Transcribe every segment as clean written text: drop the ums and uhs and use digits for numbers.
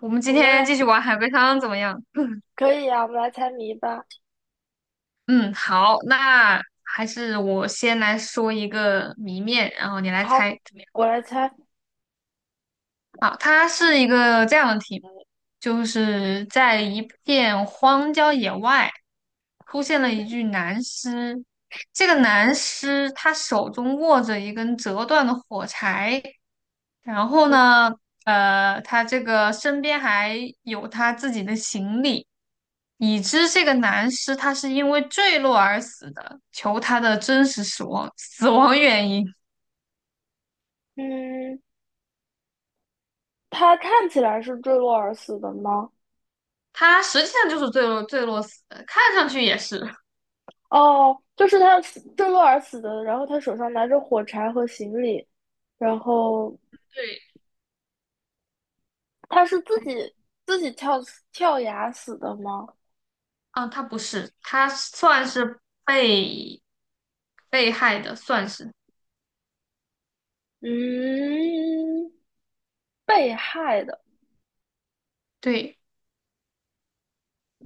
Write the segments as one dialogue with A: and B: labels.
A: 我们
B: 我
A: 今
B: 们
A: 天
B: 来
A: 继续玩海龟汤怎么样？
B: 可以啊，我们来猜谜吧。
A: 嗯，好，那还是我先来说一个谜面，然后你来
B: 好，
A: 猜怎么样？
B: 我来猜。
A: 啊，它是一个这样的题目，就是在一片荒郊野外出现了一
B: 嗯
A: 具男尸，这个男尸他手中握着一根折断的火柴，然后
B: 哼
A: 呢，他这个身边还有他自己的行李。已知这个男尸他是因为坠落而死的，求他的真实死亡原因。
B: 嗯，他看起来是坠落而死的吗？
A: 他实际上就是坠落死的，看上去也是。
B: 哦，就是他死坠落而死的，然后他手上拿着火柴和行李，然后
A: 对，
B: 他是自
A: 哎
B: 己自己跳跳崖死的吗？
A: 啊，他不是，他算是被害的，算是
B: 嗯，被害的。
A: 对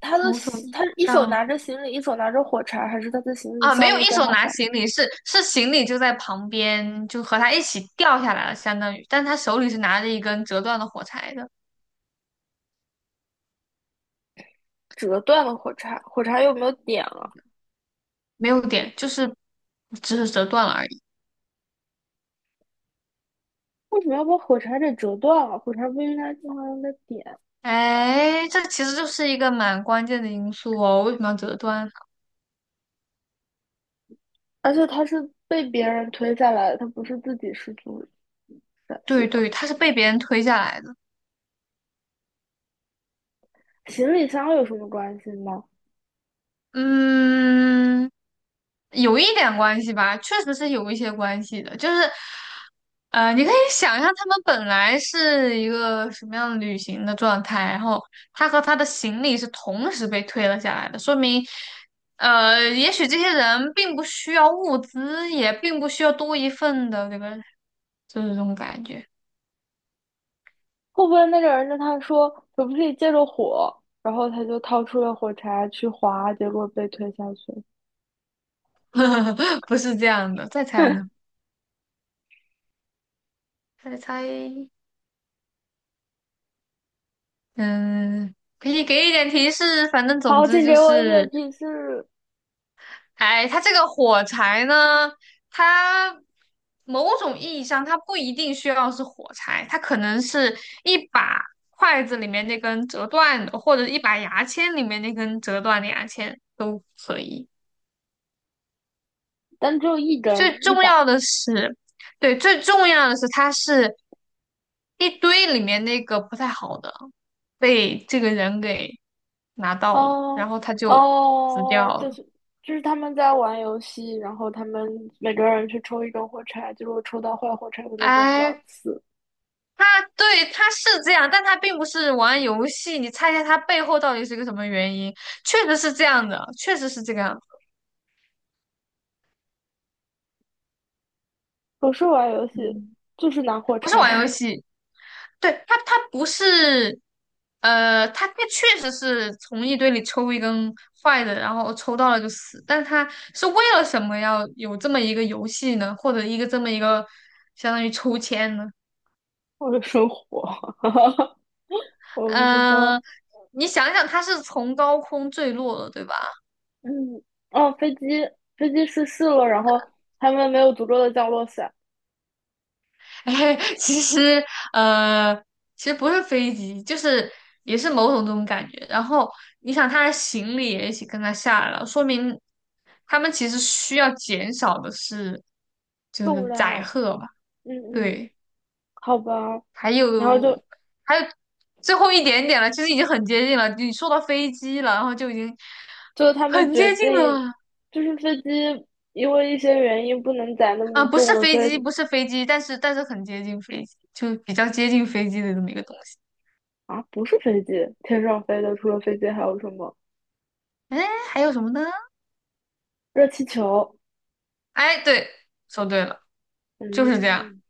B: 他的
A: 某种意义
B: 他一手拿
A: 上
B: 着行李，一手拿着火柴，还是他的行李
A: 啊，没
B: 散
A: 有一
B: 落在
A: 手
B: 他
A: 拿
B: 旁，
A: 行李，是行李就在旁边，就和他一起掉下来了，相当于，但他手里是拿着一个根折断的火柴的，
B: 折断了火柴？火柴有没有点
A: 没有点，就是只是折断了而已。
B: 为什么要把火柴给折断了？火柴不应该经常用的点，
A: 哎，这其实就是一个蛮关键的因素哦。为什么要折断呢？
B: 而且它是被别人推下来的，它不是自己失足摔死
A: 对
B: 的。
A: 对，他是被别人推下来的。
B: 行李箱有什么关系吗？
A: 嗯，有一点关系吧，确实是有一些关系的。就是，你可以想象他们本来是一个什么样的旅行的状态，然后他和他的行李是同时被推了下来的，说明，也许这些人并不需要物资，也并不需要多一份的这个，就是这种感觉。
B: 会不会那个人跟他说可不可以借着火，然后他就掏出了火柴去划，结果被推下去了？
A: 不是这样的，再猜呢？再猜，嗯，可以给一点提示，反正总
B: 好，
A: 之
B: 请
A: 就
B: 给我一点
A: 是，
B: 提示。
A: 哎，它这个火柴呢，它某种意义上它不一定需要是火柴，它可能是一把筷子里面那根折断的，或者一把牙签里面那根折断的牙签都可以。
B: 但只有一
A: 最
B: 根，一
A: 重
B: 把，
A: 要的是，对，最重要的是它是一堆里面那个不太好的。被这个人给拿到了，
B: 哦
A: 然后他就死
B: 哦，
A: 掉了。
B: 就是就是他们在玩游戏，然后他们每个人去抽一根火柴，就如果抽到坏火柴的那个人就要
A: 哎，
B: 死。
A: 他对他是这样，但他并不是玩游戏。你猜一下他背后到底是个什么原因？确实是这样的，确实是这个样子，
B: 不是玩游戏，
A: 嗯，
B: 就是拿火
A: 不是玩游
B: 柴。
A: 戏。对他，他不是，他确实是从一堆里抽一根坏的，然后抽到了就死。但他是为了什么要有这么一个游戏呢？或者一个这么一个相当于抽签呢？
B: 或者生火，我不知道。
A: 嗯、你想想，它是从高空坠落了，对吧？
B: 嗯，哦，飞机飞机失事了，然后他们没有足够的降落伞，
A: 哎，其实，呃，其实不是飞机，就是也是某种这种感觉。然后你想，他的行李也一起跟他下来了，说明他们其实需要减少的是就
B: 重
A: 是载
B: 量，
A: 荷吧？
B: 嗯嗯，
A: 对，
B: 好吧，
A: 还
B: 然后就
A: 有还有最后一点点了，其实已经很接近了。你说到飞机了，然后就已经
B: 就他们
A: 很
B: 决
A: 接近
B: 定。
A: 了。
B: 就是飞机因为一些原因不能载那
A: 啊、
B: 么
A: 不
B: 重
A: 是
B: 了，
A: 飞
B: 所
A: 机，
B: 以
A: 不是飞机，但是很接近飞机，就比较接近飞机的这么一个东西。
B: 啊，不是飞机，天上飞的除了飞机还有什么？
A: 哎，还有什么呢？
B: 热气球。
A: 哎，对，说对了，就是这样。
B: 嗯，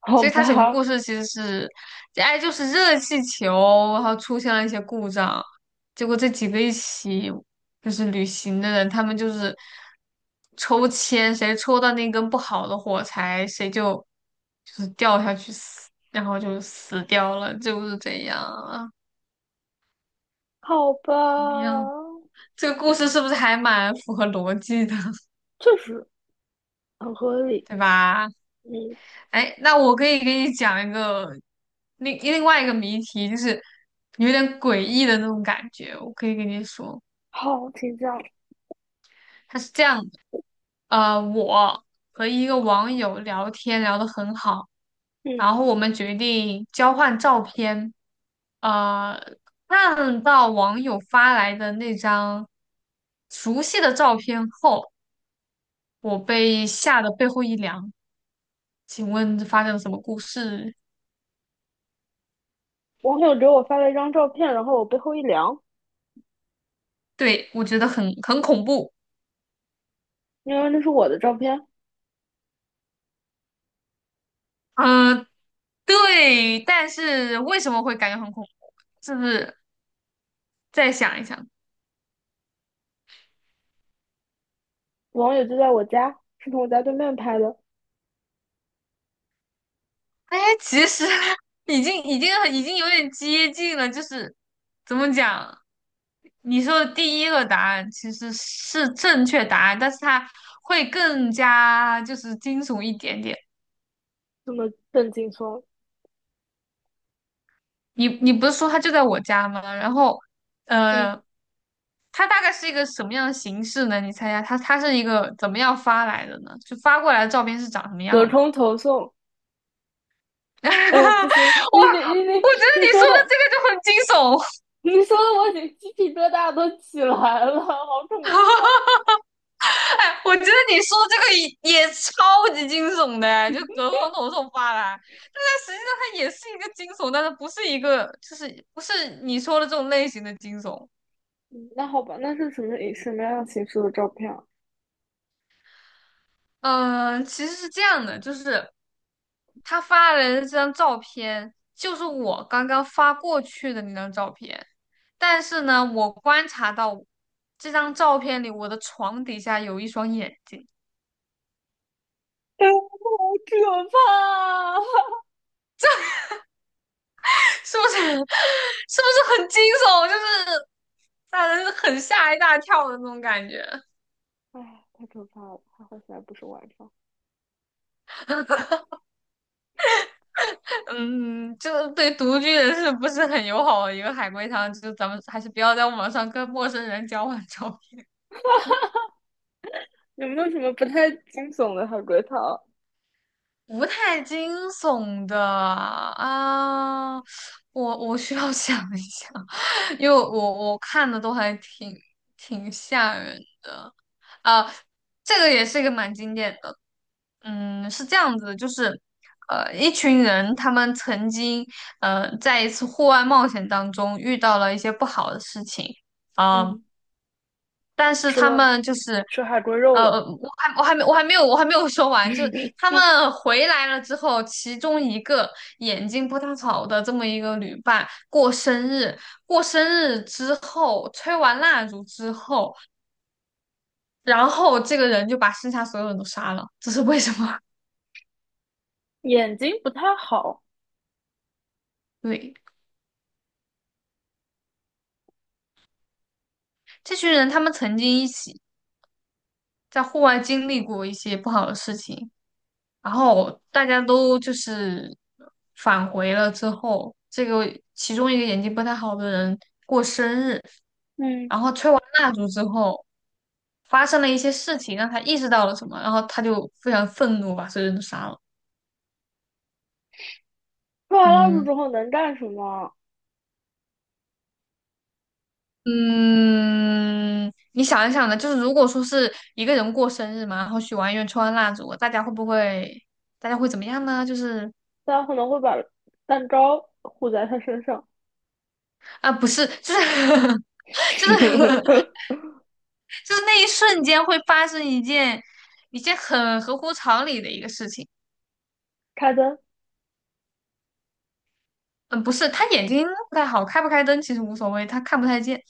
B: 好
A: 所以它整个
B: 吧，
A: 故事其实是，哎，就是热气球，然后出现了一些故障，结果这几个一起就是旅行的人，他们就是抽签，谁抽到那根不好的火柴，谁就就是掉下去死，然后就死掉了，就是这样啊，
B: 好吧，
A: 怎么样？这个故事是不是还蛮符合逻辑的，
B: 确实很合理。
A: 对吧？
B: 嗯，
A: 哎，那我可以给你讲一个另外一个谜题，就是有点诡异的那种感觉。我可以跟你说，
B: 好，请讲。
A: 它是这样的，我和一个网友聊天聊得很好，
B: 嗯，
A: 然后我们决定交换照片，呃，看到网友发来的那张熟悉的照片后，我被吓得背后一凉。请问发生了什么故事？
B: 网友给我发了一张照片，然后我背后一凉，
A: 对，我觉得很恐怖。
B: 因为那是我的照片，
A: 嗯、对，但是为什么会感觉很恐怖？是不是再想一想？
B: 网友就在我家，是从我家对面拍的，
A: 哎，其实 已经有点接近了，就是怎么讲？你说的第一个答案其实是正确答案，但是它会更加就是惊悚一点点。
B: 这么郑劲松。
A: 你你不是说它就在我家吗？然后，
B: 嗯，
A: 呃。它大概是一个什么样的形式呢？你猜一下，它是一个怎么样发来的呢？就发过来的照片是长什么
B: 隔
A: 样的？
B: 空投送。哎呀，不
A: 哇，
B: 行，你你你你
A: 我觉得
B: 你
A: 你
B: 说
A: 说的
B: 的，
A: 这个就很惊悚，
B: 你说的，我已经鸡皮疙瘩都起来了，好恐怖。啊！
A: 哎，我觉得你说的这个也超级惊悚的哎就隔空投送发来，但是实际上它也是一个惊悚，但是不是一个就是不是你说的这种类型的惊悚。
B: 嗯那好吧，那是什么样形式的照片啊？
A: 嗯，其实是这样的，就是他发来的这张照片，就是我刚刚发过去的那张照片。但是呢，我观察到这张照片里，我的床底下有一双眼睛，
B: 哎好可怕。
A: 是不是？是不是很惊悚？就是让人很吓一大跳的那种感觉。
B: 哎，太可怕了！还好现在不是晚上。
A: 嗯，就是对独居人士不是很友好的一个海龟汤，就是咱们还是不要在网上跟陌生人交换照
B: 有没有什么不太惊悚的海龟汤？
A: 不太惊悚的啊，我需要 想一想，因为我看的都还挺挺吓人的啊。这个也是一个蛮经典的，嗯，是这样子的就是一群人他们曾经在一次户外冒险当中遇到了一些不好的事情啊，
B: 嗯，
A: 但是
B: 吃
A: 他
B: 了
A: 们就是，
B: 吃海龟肉了。
A: 我还没有说完，就是 他们回来了之后，其中一个眼睛不太好的这么一个旅伴过生日，过生日之后吹完蜡烛之后，然后这个人就把剩下所有人都杀了，这是为什么？
B: 眼睛不太好。
A: 对，这群人他们曾经一起在户外经历过一些不好的事情，然后大家都就是返回了之后，这个其中一个眼睛不太好的人过生日，
B: 嗯，
A: 然后吹完蜡烛之后，发生了一些事情，让他意识到了什么，然后他就非常愤怒，把所有人都杀了。
B: 吃完蜡烛
A: 嗯，
B: 之后能干什么啊？
A: 嗯，你想一想呢，就是如果说是一个人过生日嘛，然后许完愿、吹完蜡烛，大家会不会，大家会怎么样呢？就是
B: 大家可能会把蛋糕糊在他身上，
A: 啊，不是，就是 就是 就那一瞬间会发生一件一件很合乎常理的一个事情。
B: 开灯，
A: 嗯，不是，他眼睛不太好，开不开灯其实无所谓，他看不太见，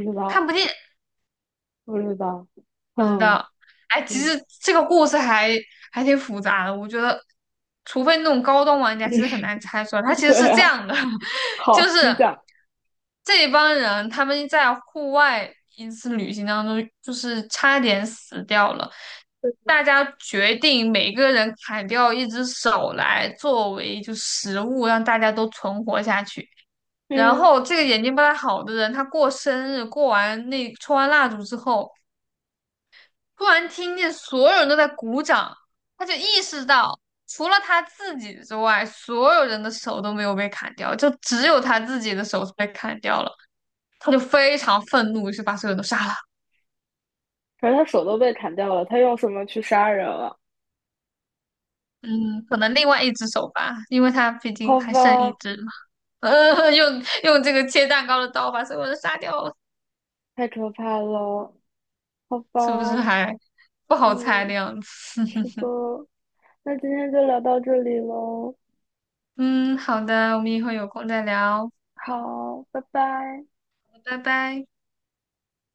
B: 不知
A: 看
B: 道，
A: 不见。
B: 不知道。
A: 不知
B: 嗯
A: 道。哎，其
B: 嗯，
A: 实这个故事还还挺复杂的，我觉得，除非那种高端玩家，其实很难猜出来。他其实
B: 对
A: 是这
B: 啊，
A: 样的，就
B: 好，
A: 是
B: 请讲。
A: 这一帮人他们在户外一次旅行当中，就是差点死掉了。大家决定每个人砍掉一只手来作为就食物，让大家都存活下去。然
B: 嗯。
A: 后这个眼睛不太好的人，他过生日，过完那抽完蜡烛之后。突然听见所有人都在鼓掌，他就意识到，除了他自己之外，所有人的手都没有被砍掉，就只有他自己的手是被砍掉了。他就非常愤怒，于是把所有人都杀了。
B: 可是他手都被砍掉了，他用什么去杀人了？
A: 嗯，可能另外一只手吧，因为他毕竟
B: 好
A: 还剩一
B: 吧，
A: 只嘛。用这个切蛋糕的刀把所有人杀掉了，
B: 太可怕了，好
A: 是不是
B: 吧，
A: 还不好猜的
B: 嗯，
A: 样子？
B: 是的，那今天就聊到这里喽，
A: 嗯，好的，我们以后有空再聊，
B: 好，拜拜。
A: 拜拜。